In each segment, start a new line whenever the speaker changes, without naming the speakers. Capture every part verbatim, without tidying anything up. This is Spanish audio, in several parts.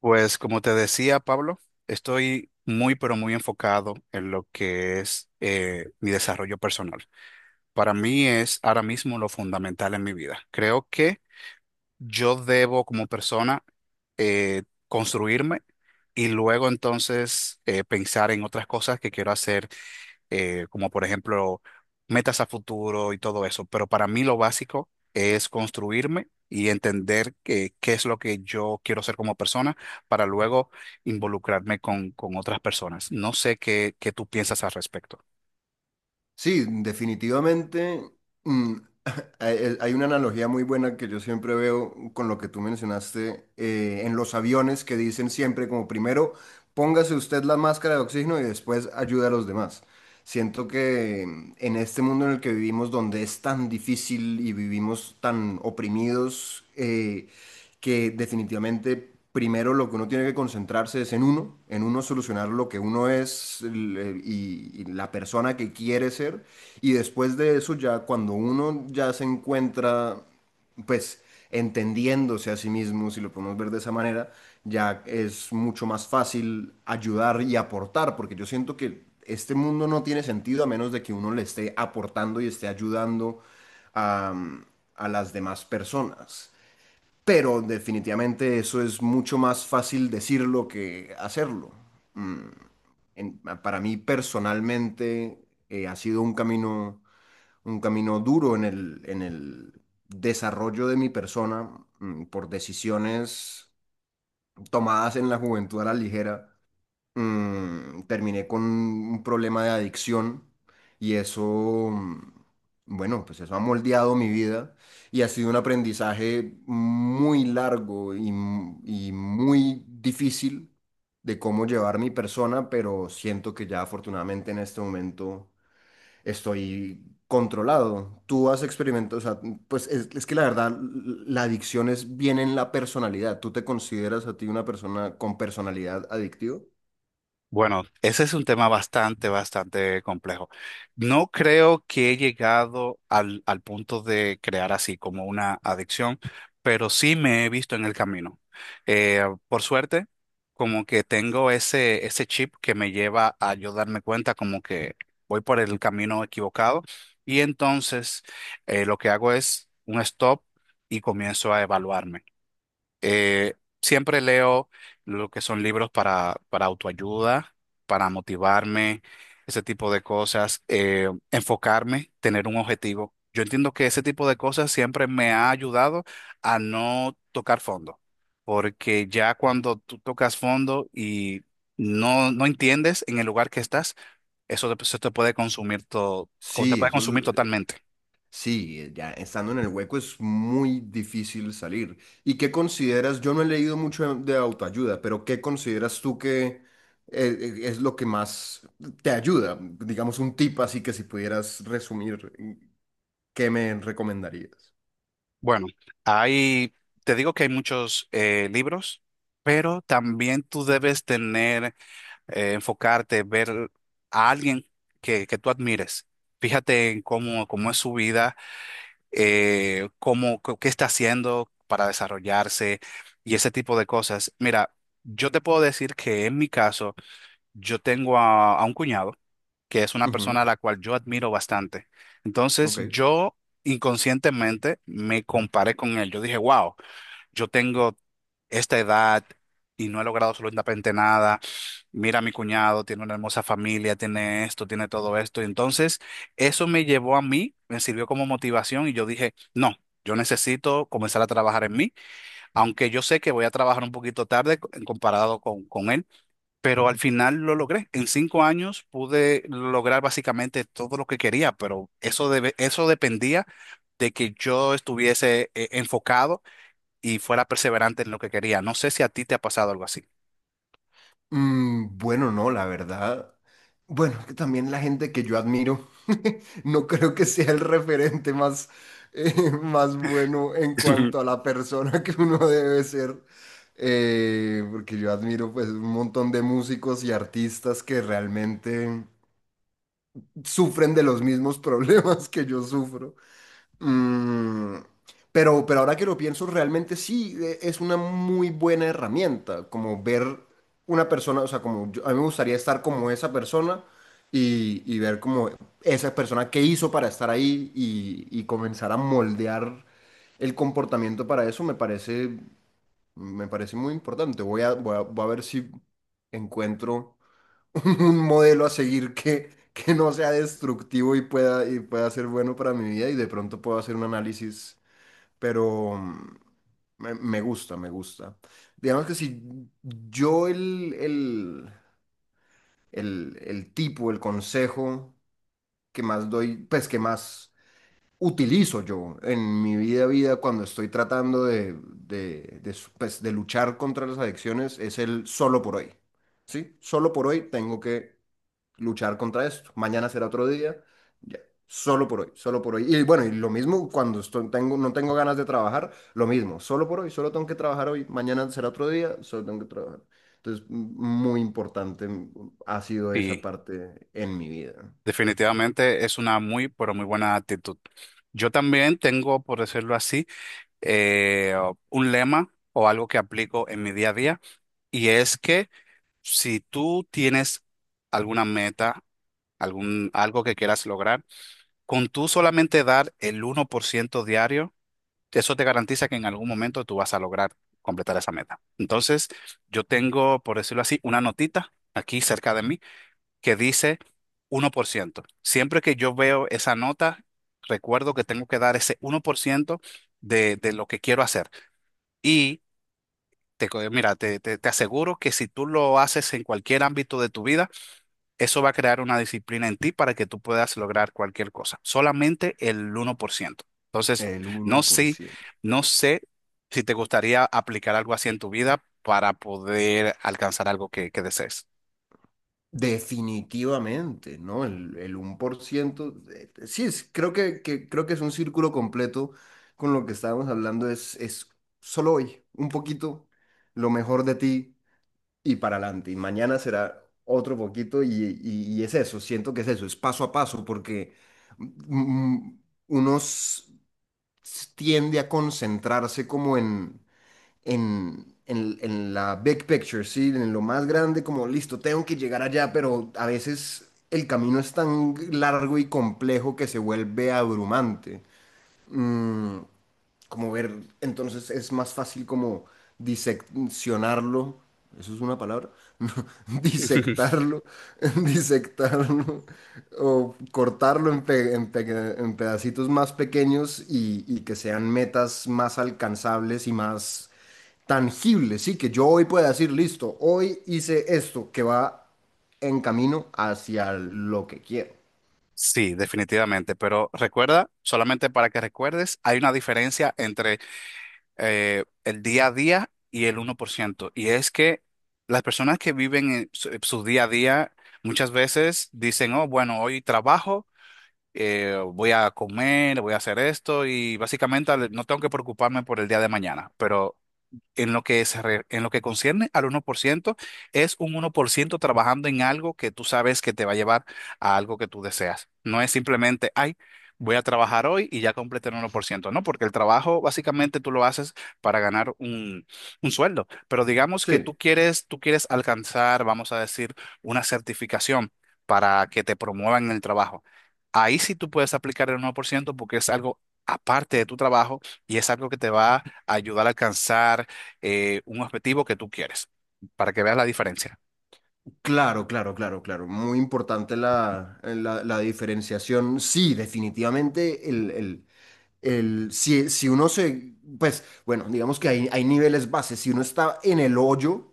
Pues como te decía, Pablo, estoy muy, pero muy enfocado en lo que es eh, mi desarrollo personal. Para mí es ahora mismo lo fundamental en mi vida. Creo que yo debo como persona eh, construirme y luego entonces eh, pensar en otras cosas que quiero hacer eh, como por ejemplo metas a futuro y todo eso. Pero para mí lo básico es construirme y entender que- qué es lo que yo quiero ser como persona para luego involucrarme con, con otras personas. No sé qué, qué tú piensas al respecto.
Sí, definitivamente. mm, hay el- hay una analogía muy buena que yo siempre veo con lo que tú mencionaste eh, en los aviones que dicen siempre como primero póngase usted la máscara de oxígeno y después ayude a los demás. Siento que en este mundo en el que vivimos, donde es tan difícil y vivimos tan oprimidos, eh, que definitivamente primero lo que uno tiene que concentrarse es en uno, en uno solucionar lo que uno es el- y, y la persona que quiere ser. Y después de eso, ya cuando uno ya se encuentra pues entendiéndose a sí mismo, si lo podemos ver de esa manera, ya es mucho más fácil ayudar y aportar, porque yo siento que este mundo no tiene sentido a menos de que uno le esté aportando y esté ayudando a, a las demás personas. Pero definitivamente eso es mucho más fácil decirlo que hacerlo. Mm, en- para mí personalmente eh, ha sido un camino un camino duro en el, en el desarrollo de mi persona, mm, por decisiones tomadas en la juventud a la ligera. Mm, terminé con un problema de adicción y eso, mm, bueno, pues eso ha moldeado mi vida y ha sido un aprendizaje muy largo y, m- y muy difícil de cómo llevar mi persona, pero siento que ya afortunadamente en este momento estoy controlado. Tú has experimentado, o sea, pues es, es que la verdad, la adicción es viene en la personalidad. ¿Tú te consideras a ti una persona con personalidad adictiva?
Bueno, ese es un tema bastante, bastante complejo. No creo que he llegado al, al punto de crear así como una adicción, pero sí me he visto en el camino. Eh, por suerte, como que tengo ese, ese chip que me lleva a yo darme cuenta como que voy por el camino equivocado y entonces eh, lo que hago es un stop y comienzo a evaluarme. Eh, Siempre leo lo que son libros para, para autoayuda, para motivarme, ese tipo de cosas, eh, enfocarme, tener un objetivo. Yo entiendo que ese tipo de cosas siempre me ha ayudado a no tocar fondo, porque ya cuando tú tocas fondo y no, no entiendes en el lugar que estás, eso te, eso te puede consumir todo, te
Sí,
puede
eso,
consumir
l-
totalmente.
sí, eh, ya estando en el hueco es muy difícil salir. ¿Y qué consideras? Yo no he leído mucho de de autoayuda, pero ¿qué consideras tú que eh, eh, es lo que más te ayuda? Digamos un tip así que si pudieras resumir, ¿qué me recomendarías?
Bueno, hay, te digo que hay muchos eh, libros, pero también tú debes tener, eh, enfocarte, ver a alguien que, que tú admires. Fíjate en cómo, cómo es su vida, eh, cómo, co- qué está haciendo para desarrollarse y ese tipo de cosas. Mira, yo te puedo decir que en mi caso, yo tengo a a un cuñado que es una persona
Ujú,
a la cual yo admiro bastante. Entonces,
ok.
yo inconscientemente me comparé con él. Yo dije, wow, yo tengo esta edad y no he logrado absolutamente nada. Mira, mi cuñado tiene una hermosa familia, tiene esto, tiene todo esto. Y entonces, eso me llevó a mí, me sirvió como motivación y yo dije, no. Yo necesito comenzar a trabajar en mí, aunque yo sé que voy a trabajar un poquito tarde co- comparado con, con él, pero al final lo logré. En cinco años pude lograr básicamente todo lo que quería, pero eso debe- eso dependía de que yo estuviese eh, enfocado y fuera perseverante en lo que quería. No sé si a ti te ha pasado algo así.
Mm, bueno, no, la verdad. Bueno, que también la gente que yo admiro, no creo que sea el referente más, eh, más bueno en cuanto a la persona que uno debe ser. Eh, porque yo admiro pues un montón de músicos y artistas que realmente sufren de los mismos problemas que yo sufro. Mm, pero, pero ahora que lo pienso, realmente sí e- es una muy buena herramienta, como ver una persona, o sea, como yo- a mí me gustaría estar como esa persona y, y ver como esa persona qué hizo para estar ahí y, y comenzar a moldear el comportamiento para eso me parece, me parece muy importante. Voy a, voy a, voy a ver si encuentro un modelo a seguir que, que no sea destructivo y pueda, y pueda ser bueno para mi vida y de pronto puedo hacer un análisis, pero mm, me, me gusta, me gusta. Digamos que si yo el, el, el, el tipo, el consejo que más doy, pues que más utilizo yo en mi vida, vida cuando estoy tratando de, de, de, su- pues, de luchar contra las adicciones es el solo por hoy. ¿Sí? Solo por hoy tengo que luchar contra esto. Mañana será otro día. Ya. Solo por hoy, solo por hoy. Y bueno, y lo mismo cuando estoy- tengo, no tengo ganas de trabajar, lo mismo, solo por hoy, solo tengo que trabajar hoy, mañana será otro día, solo tengo que trabajar. Entonces, m- muy importante, mm, ha sido esa
Sí,
parte en mi vida.
definitivamente es una muy, pero muy buena actitud. Yo también tengo, por decirlo así, eh, un lema o algo que aplico en mi día a día, y es que si tú tienes alguna meta, algún, algo que quieras lograr, con tú solamente dar el uno por ciento diario, eso te garantiza que en algún momento tú vas a lograr completar esa meta. Entonces, yo tengo, por decirlo así, una notita aquí cerca de mí que dice uno por ciento. Siempre que yo veo esa nota, recuerdo que tengo que dar ese uno por ciento de, de lo que quiero hacer. Y te, co- mira, te, te te aseguro que si tú lo haces en cualquier ámbito de tu vida, eso va a crear una disciplina en ti para que tú puedas lograr cualquier cosa. Solamente el uno por ciento. Entonces,
El
no
uno por
sé,
ciento.
no sé si te gustaría aplicar algo así en tu vida para poder alcanzar algo que, que desees.
Definitivamente, ¿no? El, el uno por ciento, eh, sí, es, creo que, que- creo que es un círculo completo con lo que estábamos hablando, es, es solo hoy, un poquito, lo mejor de ti y para adelante, y mañana será otro poquito y, y- y es eso, siento que es eso, es paso a paso, porque mm, mm, uno s- tiende a concentrarse como en en, en- en la big picture, ¿sí? En lo más grande, como listo, tengo que llegar allá, pero a veces el camino es tan largo y complejo que se vuelve abrumante. Mm, como ver, entonces es más fácil como diseccionarlo. ¿Eso es una palabra? No, disectarlo, disectarlo o cortarlo en, pe- en pe- en pedacitos más pequeños y, y que sean metas más alcanzables y más tangible, sí, que yo hoy pueda decir, listo, hoy hice esto que va en camino hacia lo que quiero.
Sí, definitivamente, pero recuerda, solamente para que recuerdes, hay una diferencia entre eh, el día a día y el uno por ciento, y es que las personas que viven en su, su día a día muchas veces dicen, oh, bueno, hoy trabajo, eh, voy a comer, voy a hacer esto y básicamente al- no tengo que preocuparme por el día de mañana, pero en lo que se re- en lo que concierne al uno por ciento es un uno por ciento trabajando en algo que tú sabes que te va a llevar a algo que tú deseas. No es simplemente, ay, voy a trabajar hoy y ya completé el uno por ciento, no, porque el trabajo básicamente tú lo haces para ganar un, un sueldo. Pero digamos que tú
Sí,
quieres, tú quieres alcanzar, vamos a decir, una certificación para que te promuevan en el trabajo. Ahí sí tú puedes aplicar el uno por ciento porque es algo aparte de tu trabajo y es algo que te va a ayudar a alcanzar eh, un objetivo que tú quieres, para que veas la diferencia.
claro, claro, claro, claro. Muy importante la, la, la diferenciación. Sí, definitivamente el, el, el- si, si uno se, pues, bueno, digamos que hay, hay niveles bases. Si uno está en el hoyo,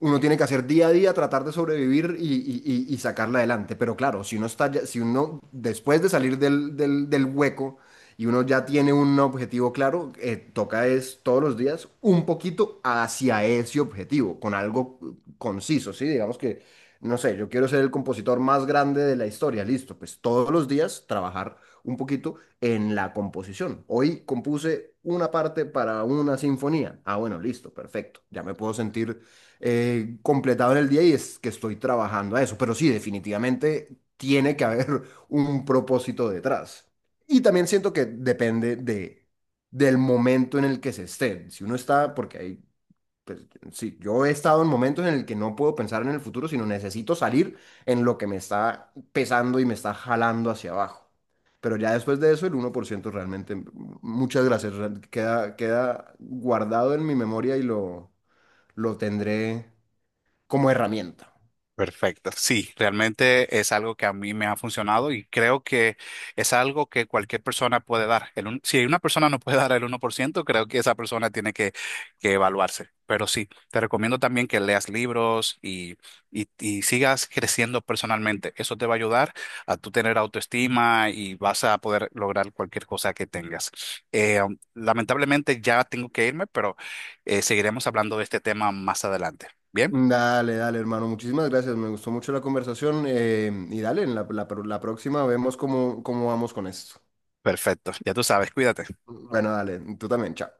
uno tiene que hacer día a día, tratar de sobrevivir y, y- y- y sacarla adelante. Pero claro, si uno está ya- si uno después de salir del, del- del hueco y uno ya tiene un objetivo claro, eh, toca es todos los días un poquito hacia ese objetivo, con algo conciso, ¿sí? Digamos que, no sé, yo quiero ser el compositor más grande de la historia, listo, pues todos los días trabajar un poquito en la composición. Hoy compuse una parte para una sinfonía. Ah, bueno, listo, perfecto. Ya me puedo sentir eh, completado en el día y es que estoy trabajando a eso. Pero sí, definitivamente tiene que haber un propósito detrás. Y también siento que depende de, del momento en el que se esté. Si uno está, porque hay, pues, sí, yo he estado en momentos en el que no puedo pensar en el futuro, sino necesito salir en lo que me está pesando y me está jalando hacia abajo. Pero ya después de eso, el uno por ciento realmente, m- muchas gracias, real- queda, queda guardado en mi memoria y lo, lo tendré como herramienta.
Perfecto. Sí, realmente es algo que a mí me ha funcionado y creo que es algo que cualquier persona puede dar. El un- si una persona no puede dar el uno por ciento, creo que esa persona tiene que, que evaluarse. Pero sí, te recomiendo también que leas libros y, y, y sigas creciendo personalmente. Eso te va a ayudar a tú tener autoestima y vas a poder lograr cualquier cosa que tengas. Eh, um, lamentablemente ya tengo que irme, pero eh, seguiremos hablando de este tema más adelante. Bien,
Dale, dale, hermano. Muchísimas gracias. Me gustó mucho la conversación. Eh, y dale, en la, la- la próxima vemos cómo, cómo vamos con esto.
perfecto. Ya tú sabes, cuídate.
Bueno, dale. Tú también. Chao.